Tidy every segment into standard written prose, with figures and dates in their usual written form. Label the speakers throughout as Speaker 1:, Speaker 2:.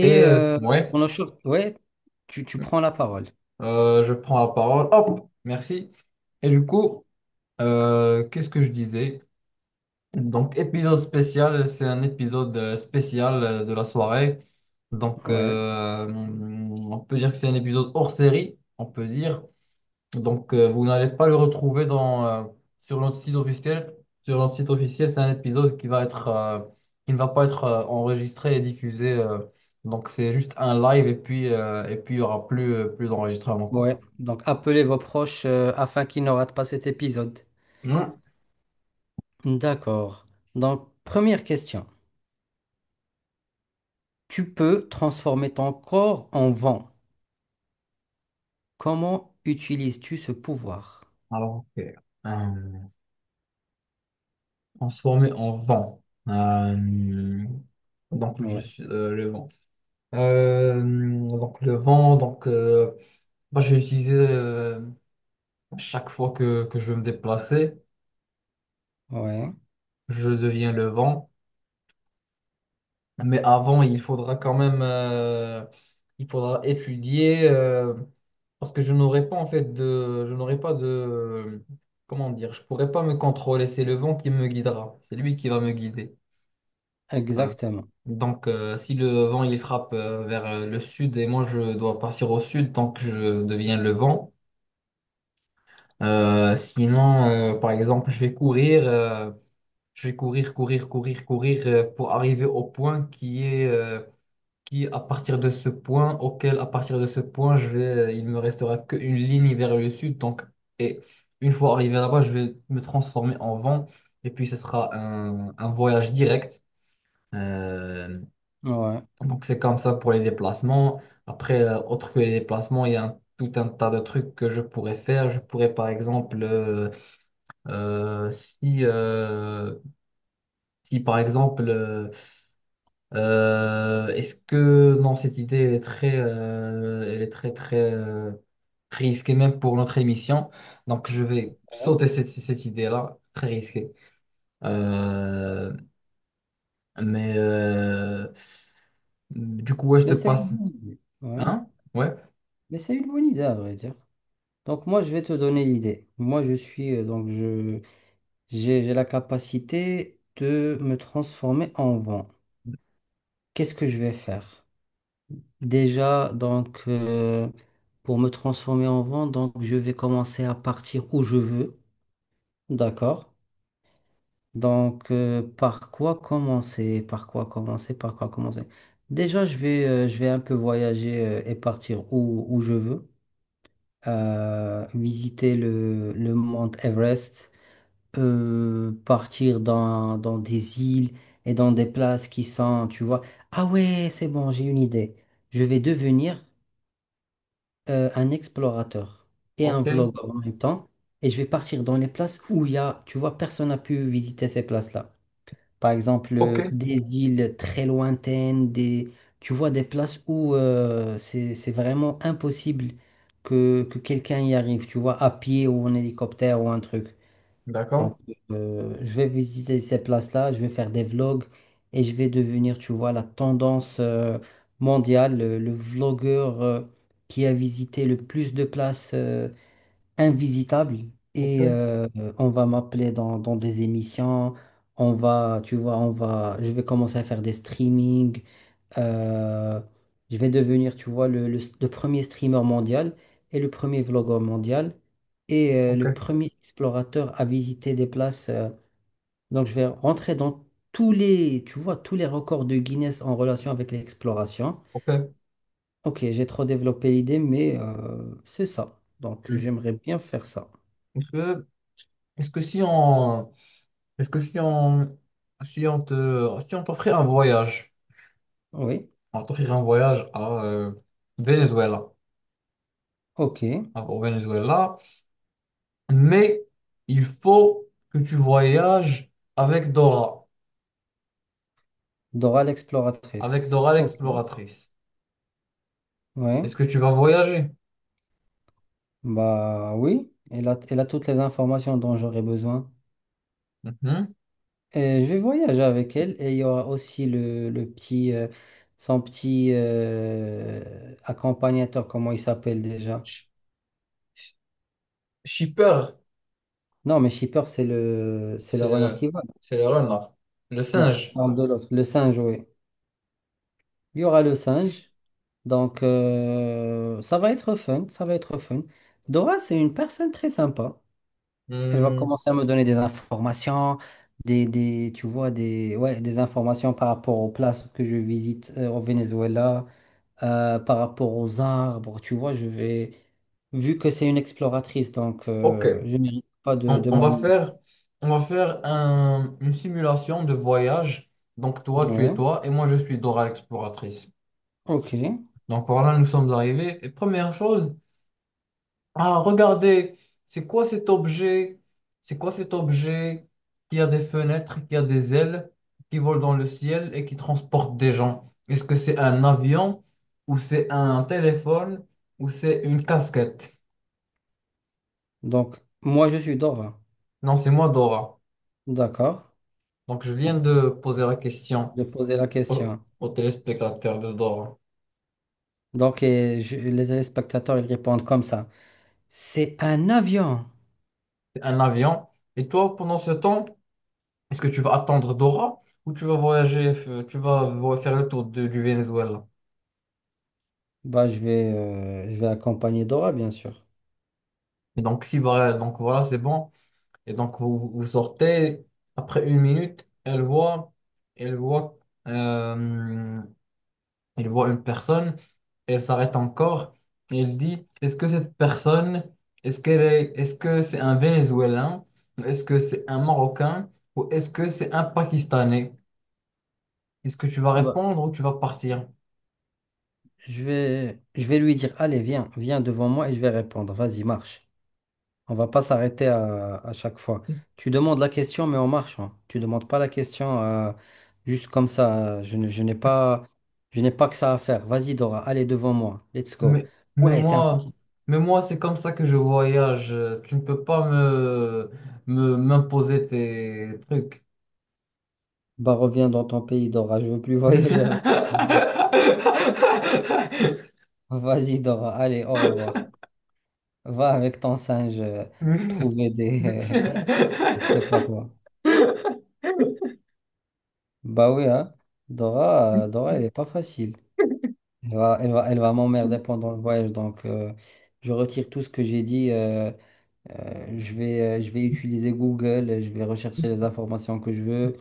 Speaker 1: Et euh,
Speaker 2: euh,
Speaker 1: ouais,
Speaker 2: pour nos choses, ouais, tu prends la parole.
Speaker 1: je prends la parole. Hop, merci. Et du coup, qu'est-ce que je disais? Donc, épisode spécial, c'est un épisode spécial de la soirée.
Speaker 2: Ouais.
Speaker 1: On peut dire que c'est un épisode hors série, on peut dire. Vous n'allez pas le retrouver sur notre site officiel. Sur notre site officiel, c'est un épisode qui va être, qui ne va pas être enregistré et diffusé. Donc, c'est juste un live et puis il n'y aura plus d'enregistrement, quoi.
Speaker 2: Ouais, donc appelez vos proches afin qu'ils ne ratent pas cet épisode.
Speaker 1: Non.
Speaker 2: D'accord. Donc, première question. Tu peux transformer ton corps en vent. Comment utilises-tu ce pouvoir?
Speaker 1: Alors, ok. Euh, transformé en vent. Euh, donc, je
Speaker 2: Ouais,
Speaker 1: suis le vent. Euh, donc, le vent, moi, je vais utiliser chaque fois que je veux me déplacer,
Speaker 2: ouais,
Speaker 1: je deviens le vent. Mais avant, il faudra quand même, il faudra étudier, parce que je n'aurai pas en fait de, je n'aurai pas de, comment dire, je pourrai pas me contrôler. C'est le vent qui me guidera, c'est lui qui va me guider. Euh,
Speaker 2: Exactement.
Speaker 1: donc, si le vent il frappe vers le sud et moi je dois partir au sud tant que je deviens le vent. Sinon, par exemple, je vais courir, je vais courir, courir, courir, courir, pour arriver au point qui est qui, à partir de ce point, auquel, à partir de ce point, je vais, il me restera qu'une ligne vers le sud. Donc, et une fois arrivé là-bas, je vais me transformer en vent. Et puis, ce sera un voyage direct. Euh,
Speaker 2: Ouais,
Speaker 1: donc, c'est comme ça pour les déplacements. Après, autre que les déplacements, il y a tout un tas de trucs que je pourrais faire. Je pourrais, par exemple, si, si, par exemple, est-ce que non, cette idée elle est très, elle est très très risquée même pour notre émission. Donc je vais
Speaker 2: ouais.
Speaker 1: sauter cette, cette idée-là, très risquée. Euh, mais du coup, ouais, je te
Speaker 2: Mais c'est une
Speaker 1: passe.
Speaker 2: bonne idée. Ouais.
Speaker 1: Hein? Ouais.
Speaker 2: Mais c'est une bonne idée, à vrai dire. Donc, moi, je vais te donner l'idée. Moi, je suis, donc, je, j'ai la capacité de me transformer en vent. Qu'est-ce que je vais faire? Déjà, pour me transformer en vent, donc, je vais commencer à partir où je veux. D'accord? Donc, par quoi commencer? Par quoi commencer? Par quoi commencer? Déjà, je vais un peu voyager, et partir où je veux. Visiter le mont Everest. Euh, partir dans des îles et dans des places qui sont, tu vois. Ah ouais, c'est bon, j'ai une idée. Je vais devenir un explorateur et un
Speaker 1: Ok.
Speaker 2: vlogueur en même temps. Et je vais partir dans les places où il y a, tu vois, personne n'a pu visiter ces places-là. Par exemple,
Speaker 1: Ok.
Speaker 2: des îles très lointaines, des, tu vois, des places où c'est vraiment impossible que quelqu'un y arrive, tu vois, à pied ou en hélicoptère ou un truc.
Speaker 1: D'accord.
Speaker 2: Donc, je vais visiter ces places-là, je vais faire des vlogs et je vais devenir, tu vois, la tendance mondiale, le vlogueur qui a visité le plus de places invisitables. Et
Speaker 1: Ok.
Speaker 2: on va m'appeler dans des émissions, on va, tu vois, on va, je vais commencer à faire des streamings, euh, je vais devenir, tu vois, le premier streamer mondial et le premier vlogueur mondial et
Speaker 1: Ok.
Speaker 2: le premier explorateur à visiter des places. Donc, je vais rentrer dans tous les, tu vois, tous les records de Guinness en relation avec l'exploration.
Speaker 1: Ok.
Speaker 2: Ok, j'ai trop développé l'idée, mais c'est ça. Donc,
Speaker 1: Hmm.
Speaker 2: j'aimerais bien faire ça.
Speaker 1: Est-ce que, est-ce que si on, est-ce que si on, si on te, si on t'offrait un voyage,
Speaker 2: Oui,
Speaker 1: on t'offrirait un voyage à Venezuela.
Speaker 2: ok.
Speaker 1: Hein, au Venezuela, mais il faut que tu voyages avec Dora,
Speaker 2: Dora
Speaker 1: avec
Speaker 2: l'exploratrice.
Speaker 1: Dora
Speaker 2: Ok,
Speaker 1: l'exploratrice.
Speaker 2: ouais.
Speaker 1: Est-ce que tu vas voyager?
Speaker 2: Bah oui, elle a toutes les informations dont j'aurais besoin.
Speaker 1: Mhm.
Speaker 2: Je vais voyager avec elle et il y aura aussi le petit, son petit accompagnateur, comment il s'appelle déjà?
Speaker 1: Sh- sh- Shipper,
Speaker 2: Non, mais Shipper, c'est c'est le
Speaker 1: c'est
Speaker 2: renard
Speaker 1: le,
Speaker 2: qui vole.
Speaker 1: c'est le renard, le
Speaker 2: Non, je
Speaker 1: singe.
Speaker 2: parle de l'autre, le singe, oui. Il y aura le singe, donc ça va être fun, ça va être fun. Dora, c'est une personne très sympa. Elle va
Speaker 1: Hmm,
Speaker 2: commencer à me donner des informations, des, tu vois, des, ouais, des informations par rapport aux places que je visite au Venezuela. Euh, par rapport aux arbres. Tu vois, vu que c'est une exploratrice, donc
Speaker 1: ok,
Speaker 2: je ne mérite pas
Speaker 1: on,
Speaker 2: de
Speaker 1: on va
Speaker 2: m'ennuyer.
Speaker 1: faire, on va faire une simulation de voyage. Donc toi, tu es
Speaker 2: Ouais.
Speaker 1: toi et moi, je suis Dora l'exploratrice.
Speaker 2: Ok.
Speaker 1: Donc voilà, nous sommes arrivés. Et première chose, ah, regardez, c'est quoi cet objet? C'est quoi cet objet qui a des fenêtres, qui a des ailes, qui vole dans le ciel et qui transporte des gens? Est-ce que c'est un avion ou c'est un téléphone ou c'est une casquette?
Speaker 2: Donc, moi, je suis Dora.
Speaker 1: Non, c'est moi, Dora.
Speaker 2: D'accord.
Speaker 1: Donc, je viens de poser la question
Speaker 2: Je posais la
Speaker 1: au,
Speaker 2: question.
Speaker 1: au téléspectateur de Dora.
Speaker 2: Les téléspectateurs, ils répondent comme ça. C'est un avion.
Speaker 1: C'est un avion. Et toi, pendant ce temps, est-ce que tu vas attendre Dora ou tu vas voyager, f- tu vas vo- faire le tour du Venezuela?
Speaker 2: Bah, je vais accompagner Dora, bien sûr.
Speaker 1: Et donc, si, voilà, donc voilà, c'est bon. Et donc, vous, vous sortez, après une minute, elle voit, euh, elle voit une personne, elle s'arrête encore, et elle dit, est-ce que cette personne, est-ce qu'elle est, est-ce que c'est un Vénézuélien, est-ce que c'est un Marocain, ou est-ce que c'est un Pakistanais? Est-ce que tu vas
Speaker 2: Bah,
Speaker 1: répondre ou tu vas partir?
Speaker 2: je vais lui dire, allez, viens, viens devant moi et je vais répondre. Vas-y, marche. On va pas s'arrêter à chaque fois. Tu demandes la question, mais en marchant. Tu demandes pas la question juste comme ça. Je n'ai pas, je n'ai pas que ça à faire. Vas-y, Dora, allez devant moi. Let's go.
Speaker 1: Mais, mais
Speaker 2: Ouais, c'est un paquet.
Speaker 1: moi, mais moi, c'est comme ça que je voyage. Tu ne peux pas m'imposer tes trucs.
Speaker 2: Bah, reviens dans ton pays, Dora. Je veux plus voyager avec toi. Vas-y, Dora. Allez, au revoir. Va avec ton singe trouver des. Je sais pas quoi. Bah oui, hein. Dora, elle est pas facile. Elle va m'emmerder pendant le voyage. Donc, je retire tout ce que j'ai dit. Je vais utiliser Google, je vais rechercher les informations que je veux.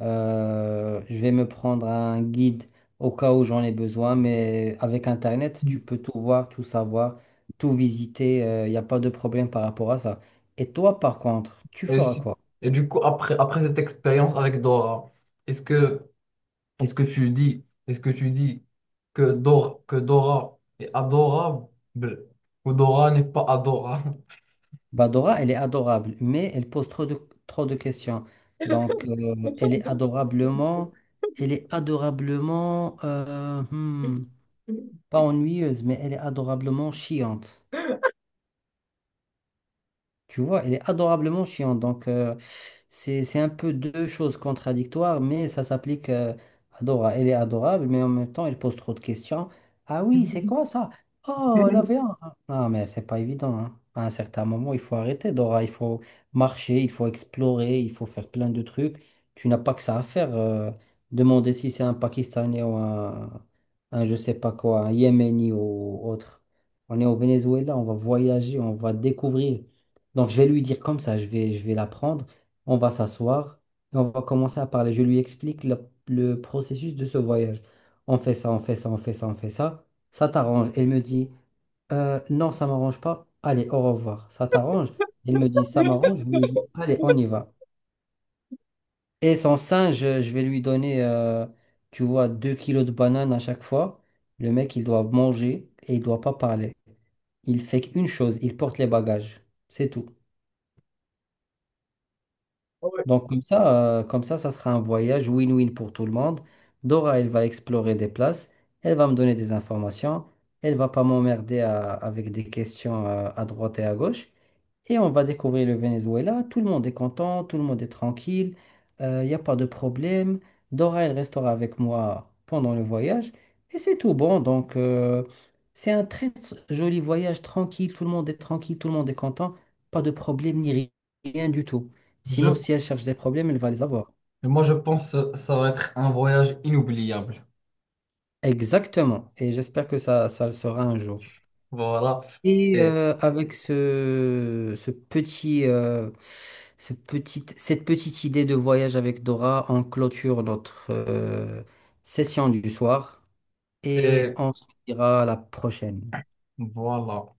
Speaker 2: Je vais me prendre un guide au cas où j'en ai besoin, mais avec Internet, tu peux tout voir, tout savoir, tout visiter. Il n'y a pas de problème par rapport à ça. Et toi, par contre, tu
Speaker 1: Et,
Speaker 2: feras
Speaker 1: si-
Speaker 2: quoi?
Speaker 1: et du coup, après, après cette expérience avec Dora, est-ce que, est-ce que tu dis que Dora est adorable ou Dora n'est pas adorable?
Speaker 2: Bah, Dora, elle est adorable, mais elle pose trop trop de questions. Donc, elle est adorablement, pas ennuyeuse, mais elle est adorablement chiante. Tu vois, elle est adorablement chiante. Donc, c'est un peu deux choses contradictoires, mais ça s'applique à Dora. Elle est adorable, mais en même temps, elle pose trop de questions. Ah oui, c'est quoi ça? Oh, la viande. Non, mais c'est pas évident. Hein. À un certain moment, il faut arrêter, Dora. Il faut marcher, il faut explorer, il faut faire plein de trucs. Tu n'as pas que ça à faire. Euh, demander si c'est un Pakistanais ou un je sais pas quoi, un Yéméni ou autre. On est au Venezuela, on va voyager, on va découvrir. Donc, je vais lui dire comme ça, je vais la prendre, on va s'asseoir et on va commencer à parler. Je lui explique le processus de ce voyage. On fait ça, on fait ça, on fait ça, on fait ça. Ça t'arrange. Elle me dit, euh, non, ça m'arrange pas. Allez, au revoir. Ça t'arrange? Elle me dit, ça m'arrange. Je lui dis, allez, on y va. Et son singe, je vais lui donner, tu vois, 2 kilos de bananes à chaque fois. Le mec, il doit manger et il doit pas parler. Il fait qu'une chose, il porte les bagages. C'est tout. Donc comme ça, ça sera un voyage win-win pour tout le monde. Dora, elle va explorer des places, elle va me donner des informations, elle va pas m'emmerder avec des questions à droite et à gauche. Et on va découvrir le Venezuela. Tout le monde est content, tout le monde est tranquille, il n'y a pas de problème. Dora, elle restera avec moi pendant le voyage. Et c'est tout bon. Donc, c'est un joli voyage tranquille. Tout le monde est tranquille, tout le monde est content. Pas de problème ni rien du tout. Sinon,
Speaker 1: Je,
Speaker 2: si elle cherche des problèmes, elle va les avoir.
Speaker 1: moi, je pense que ça va être un voyage inoubliable.
Speaker 2: Exactement. Et j'espère que ça le sera un jour.
Speaker 1: Voilà.
Speaker 2: Et
Speaker 1: Et,
Speaker 2: avec ce petit, cette petite idée de voyage avec Dora, on clôture notre session du soir et
Speaker 1: et
Speaker 2: on se dira à la prochaine.
Speaker 1: voilà.